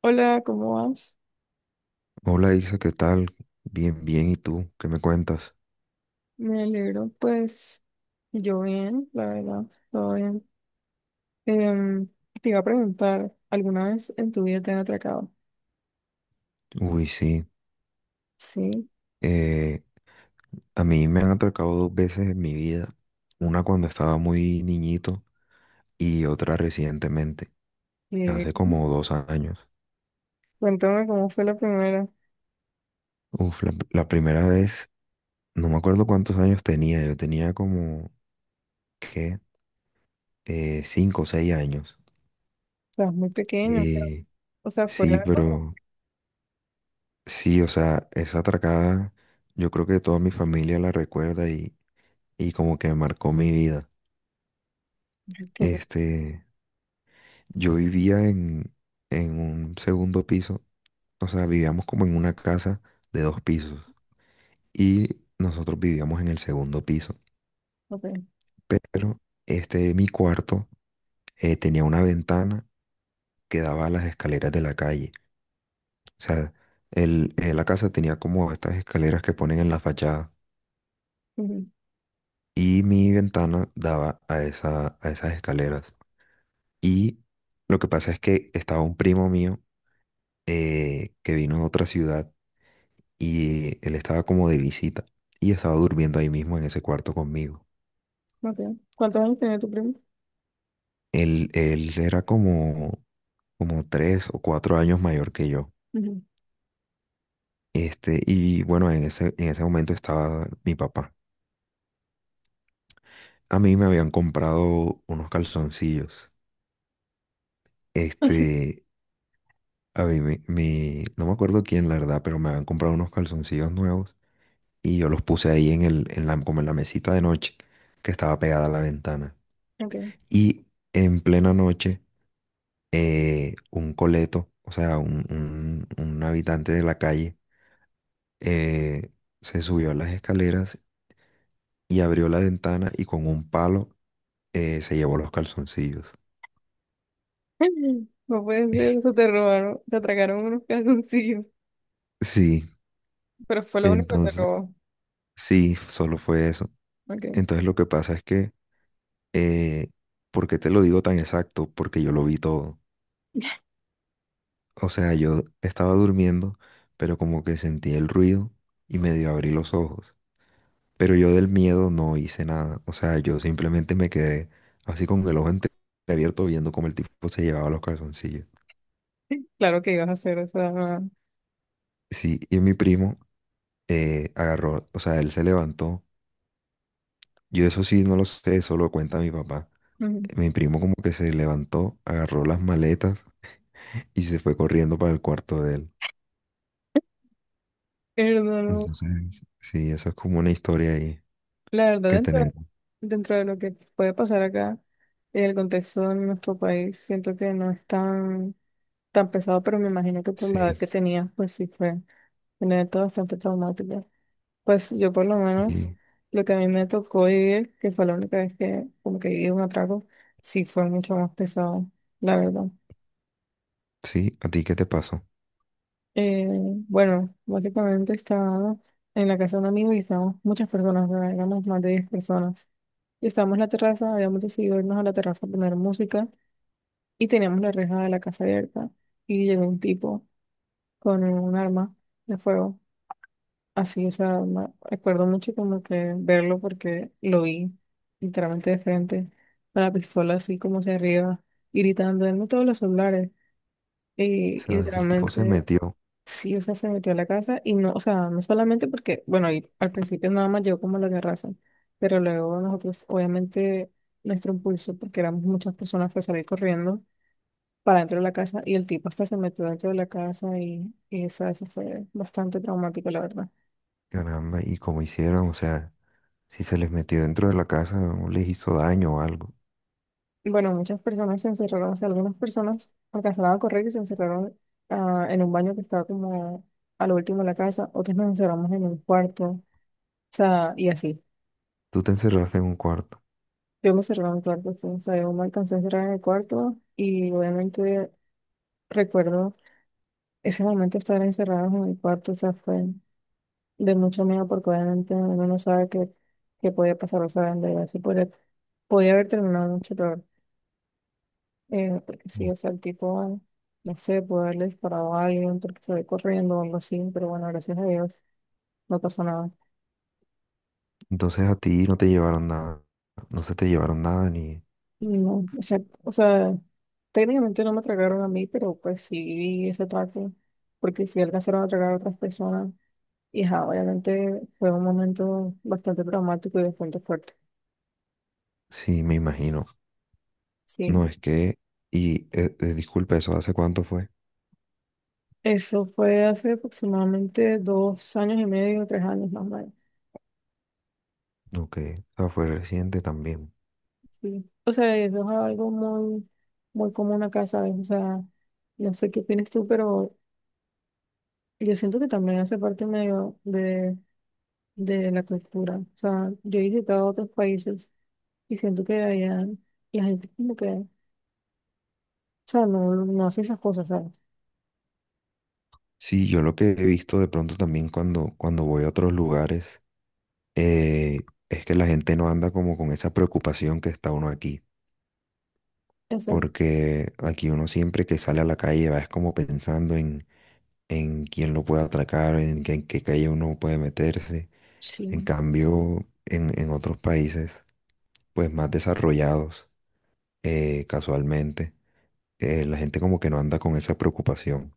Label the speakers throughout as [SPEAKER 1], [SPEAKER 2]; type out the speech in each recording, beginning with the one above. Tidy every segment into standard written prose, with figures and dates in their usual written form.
[SPEAKER 1] Hola, ¿cómo vas?
[SPEAKER 2] Hola Isa, ¿qué tal? Bien, bien, ¿y tú? ¿Qué me cuentas?
[SPEAKER 1] Me alegro, pues yo bien, la verdad, todo bien. Em, Te iba a preguntar, ¿alguna vez en tu vida te han atracado?
[SPEAKER 2] Uy, sí.
[SPEAKER 1] Sí.
[SPEAKER 2] eh, a mí me han atracado dos veces en mi vida, una cuando estaba muy niñito y otra recientemente,
[SPEAKER 1] eh,
[SPEAKER 2] hace como dos años.
[SPEAKER 1] Cuéntame cómo fue la primera.
[SPEAKER 2] Uf, la primera vez, no me acuerdo cuántos años tenía, yo tenía como, ¿qué? Cinco o seis años.
[SPEAKER 1] Estabas muy pequeño, creo.
[SPEAKER 2] Eh,
[SPEAKER 1] O sea, fue
[SPEAKER 2] sí,
[SPEAKER 1] algo tra-
[SPEAKER 2] pero sí, o sea, esa atracada, yo creo que toda mi familia la recuerda y como que marcó mi vida.
[SPEAKER 1] que no-
[SPEAKER 2] Este, yo vivía en un segundo piso, o sea, vivíamos como en una casa de dos pisos y nosotros vivíamos en el segundo piso,
[SPEAKER 1] ok,
[SPEAKER 2] pero este, mi cuarto tenía una ventana que daba a las escaleras de la calle. O sea, la casa tenía como estas escaleras que ponen en la fachada
[SPEAKER 1] ujú,
[SPEAKER 2] y mi ventana daba a a esas escaleras. Y lo que pasa es que estaba un primo mío, que vino de otra ciudad y él estaba como de visita y estaba durmiendo ahí mismo en ese cuarto conmigo.
[SPEAKER 1] ok. ¿Cuántos años tenía tu primo?
[SPEAKER 2] Él era como, como tres o cuatro años mayor que yo.
[SPEAKER 1] Ujú.
[SPEAKER 2] Este, y bueno, en en ese momento estaba mi papá. A mí me habían comprado unos calzoncillos. Este, a mí, no me acuerdo quién, la verdad, pero me habían comprado unos calzoncillos nuevos y yo los puse ahí en como en la mesita de noche que estaba pegada a la ventana.
[SPEAKER 1] Ok.
[SPEAKER 2] Y en plena noche, un coleto, o sea, un habitante de la calle, eh, se subió a las escaleras y abrió la ventana y con un palo, se llevó los calzoncillos.
[SPEAKER 1] No puede ser, o sea, te robaron, te atracaron unos calzoncillos,
[SPEAKER 2] Sí,
[SPEAKER 1] pero fue lo único que te
[SPEAKER 2] entonces,
[SPEAKER 1] robó.
[SPEAKER 2] sí, solo fue eso.
[SPEAKER 1] Ok.
[SPEAKER 2] Entonces lo que pasa es que, eh, ¿por qué te lo digo tan exacto? Porque yo lo vi todo. O sea, yo estaba durmiendo, pero como que sentí el ruido y medio abrí los ojos. Pero yo del miedo no hice nada. O sea, yo simplemente me quedé así con el ojo entreabierto viendo cómo el tipo se llevaba los calzoncillos.
[SPEAKER 1] Claro que ibas a hacer, o sea,
[SPEAKER 2] Sí, y mi primo, agarró, o sea, él se levantó. Yo eso sí no lo sé, eso lo cuenta mi papá.
[SPEAKER 1] ujú.
[SPEAKER 2] Mi primo como que se levantó, agarró las maletas y se fue corriendo para el cuarto de él.
[SPEAKER 1] Hermano,
[SPEAKER 2] Entonces, sí, eso es como una historia ahí
[SPEAKER 1] la verdad,
[SPEAKER 2] que
[SPEAKER 1] dentro,
[SPEAKER 2] tenemos.
[SPEAKER 1] dentro de lo que puede pasar acá, en el contexto de nuestro país, siento que no es tan, tan pesado, pero me imagino que por la edad
[SPEAKER 2] Sí,
[SPEAKER 1] que tenía, pues sí fue un evento bastante traumático. Pues yo por lo menos,
[SPEAKER 2] sí,
[SPEAKER 1] lo que a mí me tocó vivir, que fue la única vez que como que viví un atraco, sí fue mucho más pesado, la verdad.
[SPEAKER 2] sí, ¿a ti qué te pasó?
[SPEAKER 1] Eh, bueno, básicamente estaba en la casa de un amigo y estábamos muchas personas, ¿verdad? Éramos más de 10 personas. Y estábamos en la terraza, habíamos decidido irnos a la terraza a poner música y teníamos la reja de la casa abierta. Y llegó un tipo con un arma de fuego. Así, o sea, me acuerdo mucho como que verlo porque lo vi literalmente de frente, con la pistola así como hacia arriba, y gritando, denme todos los celulares.
[SPEAKER 2] O
[SPEAKER 1] Y
[SPEAKER 2] sea, el tipo se
[SPEAKER 1] literalmente
[SPEAKER 2] metió,
[SPEAKER 1] sí, o sea, se metió a la casa y no, o sea, no solamente porque, bueno, y al principio nada más llegó como la terraza, pero luego nosotros, obviamente, nuestro impulso, porque éramos muchas personas, fue salir corriendo para dentro de la casa y el tipo hasta se metió dentro de la casa y esa, eso fue bastante traumático, la verdad.
[SPEAKER 2] caramba, y como hicieron, o sea... Si se les metió dentro de la casa o les hizo daño o algo.
[SPEAKER 1] Y bueno, muchas personas se encerraron, o sea, algunas personas alcanzaron a correr y se encerraron en un baño que estaba como a lo último de la casa, otros nos encerramos en un cuarto, o sea, y así.
[SPEAKER 2] Tú te encerraste en un cuarto.
[SPEAKER 1] Yo me cerraba en cuarto, sí, o sea, yo me alcancé a cerrar en el cuarto y obviamente recuerdo ese momento de estar encerrados en el cuarto, o sea, fue de mucho miedo porque obviamente uno no sabe qué, qué podía pasar, o sea, en verdad, sí podía, podía haber terminado mucho peor, porque sí,
[SPEAKER 2] Mm.
[SPEAKER 1] o sea, el tipo, no sé, puede haberle disparado a alguien porque se ve corriendo o algo así, pero bueno, gracias a Dios no pasó nada.
[SPEAKER 2] Entonces a ti no te llevaron nada. No se te llevaron nada ni...
[SPEAKER 1] No, o sea, técnicamente no me atracaron a mí, pero pues sí vi ese ataque, porque sí alcanzaron a atracar a otras personas. Y ajá, obviamente fue un momento bastante traumático y bastante fuerte.
[SPEAKER 2] Sí, me imagino.
[SPEAKER 1] Sí,
[SPEAKER 2] No es que... Y disculpa, ¿eso hace cuánto fue?
[SPEAKER 1] eso fue hace aproximadamente dos años y medio, tres años más o menos.
[SPEAKER 2] Ok. O sea, fue reciente también.
[SPEAKER 1] Sí, o sea, eso es algo muy, muy común acá, ¿sabes? O sea, no sé qué opinas tú, pero yo siento que también hace parte medio de la cultura. O sea, yo he visitado otros países. Y siento que debería, la gente como que, o sea, no, no hace esas cosas, ¿sabes?
[SPEAKER 2] Sí, yo lo que he visto de pronto también cuando, cuando voy a otros lugares, eh, es que la gente no anda como con esa preocupación que está uno aquí.
[SPEAKER 1] O sea,
[SPEAKER 2] Porque aquí uno siempre que sale a la calle va es como pensando en quién lo puede atracar, en qué calle uno puede meterse. En
[SPEAKER 1] sí,
[SPEAKER 2] cambio, en otros países, pues más desarrollados, casualmente, la gente como que no anda con esa preocupación.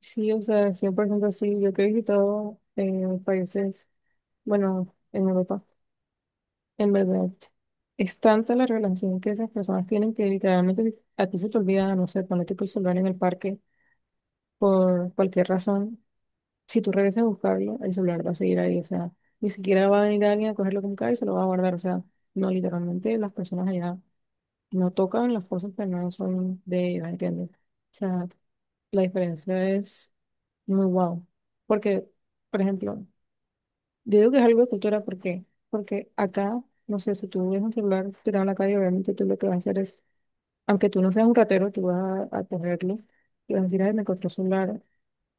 [SPEAKER 1] sí, o sea, 100% sí. Yo que he visitado países, bueno, en Europa, en verdad, es tanta la relación que esas personas tienen que literalmente a ti se te olvida, no sé, ponerte tu celular en el parque por cualquier razón. Si tú regresas a buscarlo, el celular va a seguir ahí, o sea, ni siquiera va a venir alguien a cogerlo como cae y se lo va a guardar, o sea, no, literalmente las personas allá no tocan las cosas que no son de ellos, ¿entiendes? O sea, la diferencia es muy wow. Porque, por ejemplo, yo digo que es algo de cultura, ¿por qué? Porque acá, no sé, si tú ves un celular tirado en la calle, obviamente tú lo que vas a hacer es, aunque tú no seas un ratero, tú vas a cogerlo y vas a decir, ay, me encontré un celular.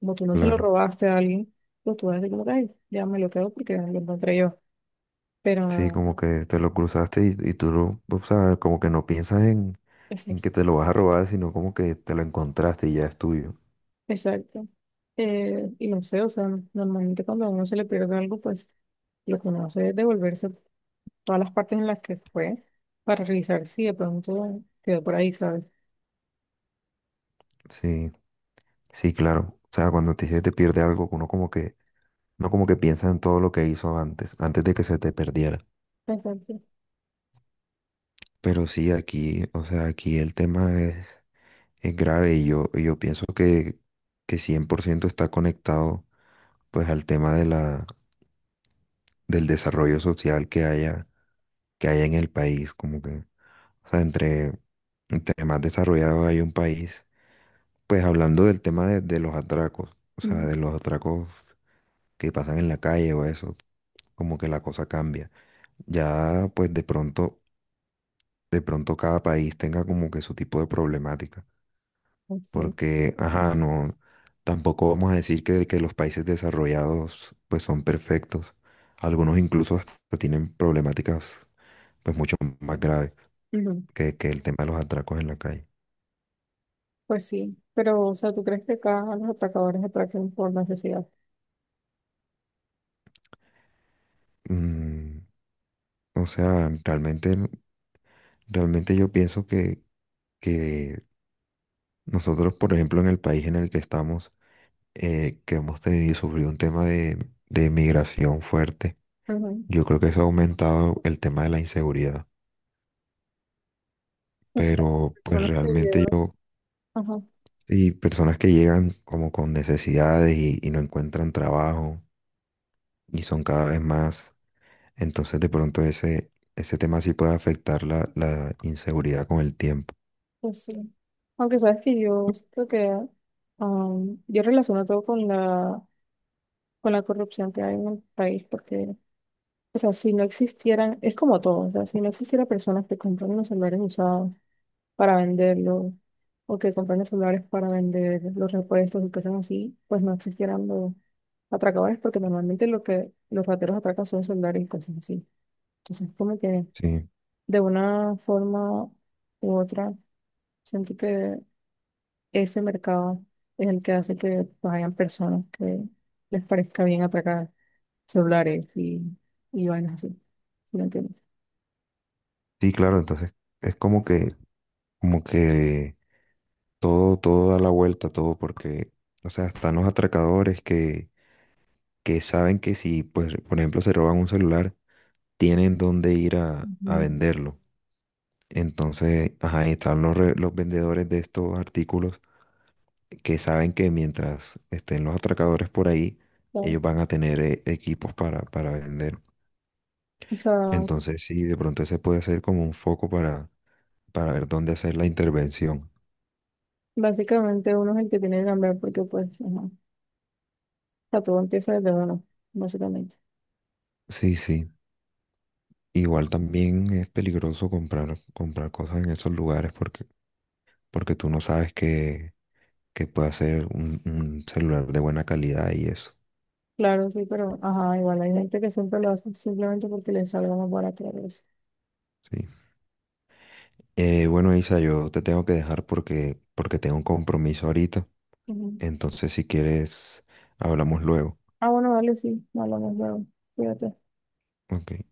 [SPEAKER 1] Como tú no se lo
[SPEAKER 2] Claro.
[SPEAKER 1] robaste a alguien, pues tú vas a decir, como que, ay, ya me lo quedo porque lo encontré yo.
[SPEAKER 2] Sí,
[SPEAKER 1] Pero,
[SPEAKER 2] como que te lo cruzaste y tú lo, o sea, como que no piensas en
[SPEAKER 1] exacto.
[SPEAKER 2] que te lo vas a robar, sino como que te lo encontraste y ya es tuyo.
[SPEAKER 1] Exacto. Y no sé, o sea, normalmente cuando a uno se le pierde algo, pues lo que uno hace es devolverse todas las partes en las que fue para revisar si de pronto quedó por ahí, ¿sabes?
[SPEAKER 2] Sí, sí, claro. O sea, cuando te, se te pierde algo, uno como que, no como que piensa en todo lo que hizo antes, antes de que se te perdiera.
[SPEAKER 1] Exacto.
[SPEAKER 2] Pero sí, aquí, o sea, aquí el tema es grave y y yo pienso que 100% está conectado pues al tema de del desarrollo social que haya en el país, como que, o sea, entre más desarrollado hay un país, pues hablando del tema de los atracos, o sea,
[SPEAKER 1] Ujú.
[SPEAKER 2] de los atracos que pasan en la calle o eso, como que la cosa cambia. Ya pues de pronto cada país tenga como que su tipo de problemática.
[SPEAKER 1] Pues sí.
[SPEAKER 2] Porque, ajá, no, tampoco vamos a decir que los países desarrollados pues son perfectos. Algunos incluso hasta tienen problemáticas pues mucho más graves
[SPEAKER 1] Ujú.
[SPEAKER 2] que el tema de los atracos en la calle.
[SPEAKER 1] Pues sí. Pero, o sea, ¿tú crees que acá a los atracadores atracan por necesidad?
[SPEAKER 2] Mm, o sea, realmente yo pienso que nosotros, por ejemplo, en el país en el que estamos, que hemos tenido y sufrido un tema de migración fuerte,
[SPEAKER 1] Ujú.
[SPEAKER 2] yo creo que eso ha aumentado el tema de la inseguridad.
[SPEAKER 1] O sea,
[SPEAKER 2] Pero pues
[SPEAKER 1] personas que
[SPEAKER 2] realmente
[SPEAKER 1] llevan.
[SPEAKER 2] yo.
[SPEAKER 1] Ajá,
[SPEAKER 2] Y personas que llegan como con necesidades y no encuentran trabajo y son cada vez más. Entonces de pronto ese tema sí puede afectar la inseguridad con el tiempo.
[SPEAKER 1] pues sí. Aunque sabes que yo creo que yo relaciono todo con la corrupción que hay en el país, porque, o sea, si no existieran, es como todo, o sea, si no existiera personas que compran unos celulares usados para venderlo o que compran celulares para vender los repuestos y cosas así, pues no existieran los atracadores porque normalmente lo que los rateros atracan son celulares y cosas así. Entonces, como que
[SPEAKER 2] Sí,
[SPEAKER 1] de una forma u otra, siento que ese mercado es el que hace que pues, hayan personas que les parezca bien atracar celulares y vainas así, si me entiendes.
[SPEAKER 2] sí, claro, entonces es como que todo, todo da la vuelta, todo, porque, o sea, están los atracadores que saben que si, pues, por ejemplo, se roban un celular, tienen dónde ir a
[SPEAKER 1] Ujú.
[SPEAKER 2] venderlo. Entonces, ajá, y están los vendedores de estos artículos que saben que mientras estén los atracadores por ahí,
[SPEAKER 1] Claro.
[SPEAKER 2] ellos van a tener equipos para vender.
[SPEAKER 1] O sea,
[SPEAKER 2] Entonces, sí, de pronto ese puede ser como un foco para ver dónde hacer la intervención.
[SPEAKER 1] básicamente uno es el que tiene que cambiar porque pues, ajá, sea, todo empieza desde uno, básicamente.
[SPEAKER 2] Sí, sí. Igual también es peligroso comprar, comprar cosas en esos lugares porque, porque tú no sabes que pueda ser un celular de buena calidad y eso.
[SPEAKER 1] Claro, sí, pero ajá, igual hay gente que siempre lo hace simplemente porque le salga más barato la cabeza.
[SPEAKER 2] Sí. Bueno, Isa, yo te tengo que dejar porque, porque tengo un compromiso ahorita.
[SPEAKER 1] Ujú.
[SPEAKER 2] Entonces, si quieres, hablamos luego.
[SPEAKER 1] Ah, bueno, vale, sí, no hablamos luego. Cuídate.
[SPEAKER 2] Ok.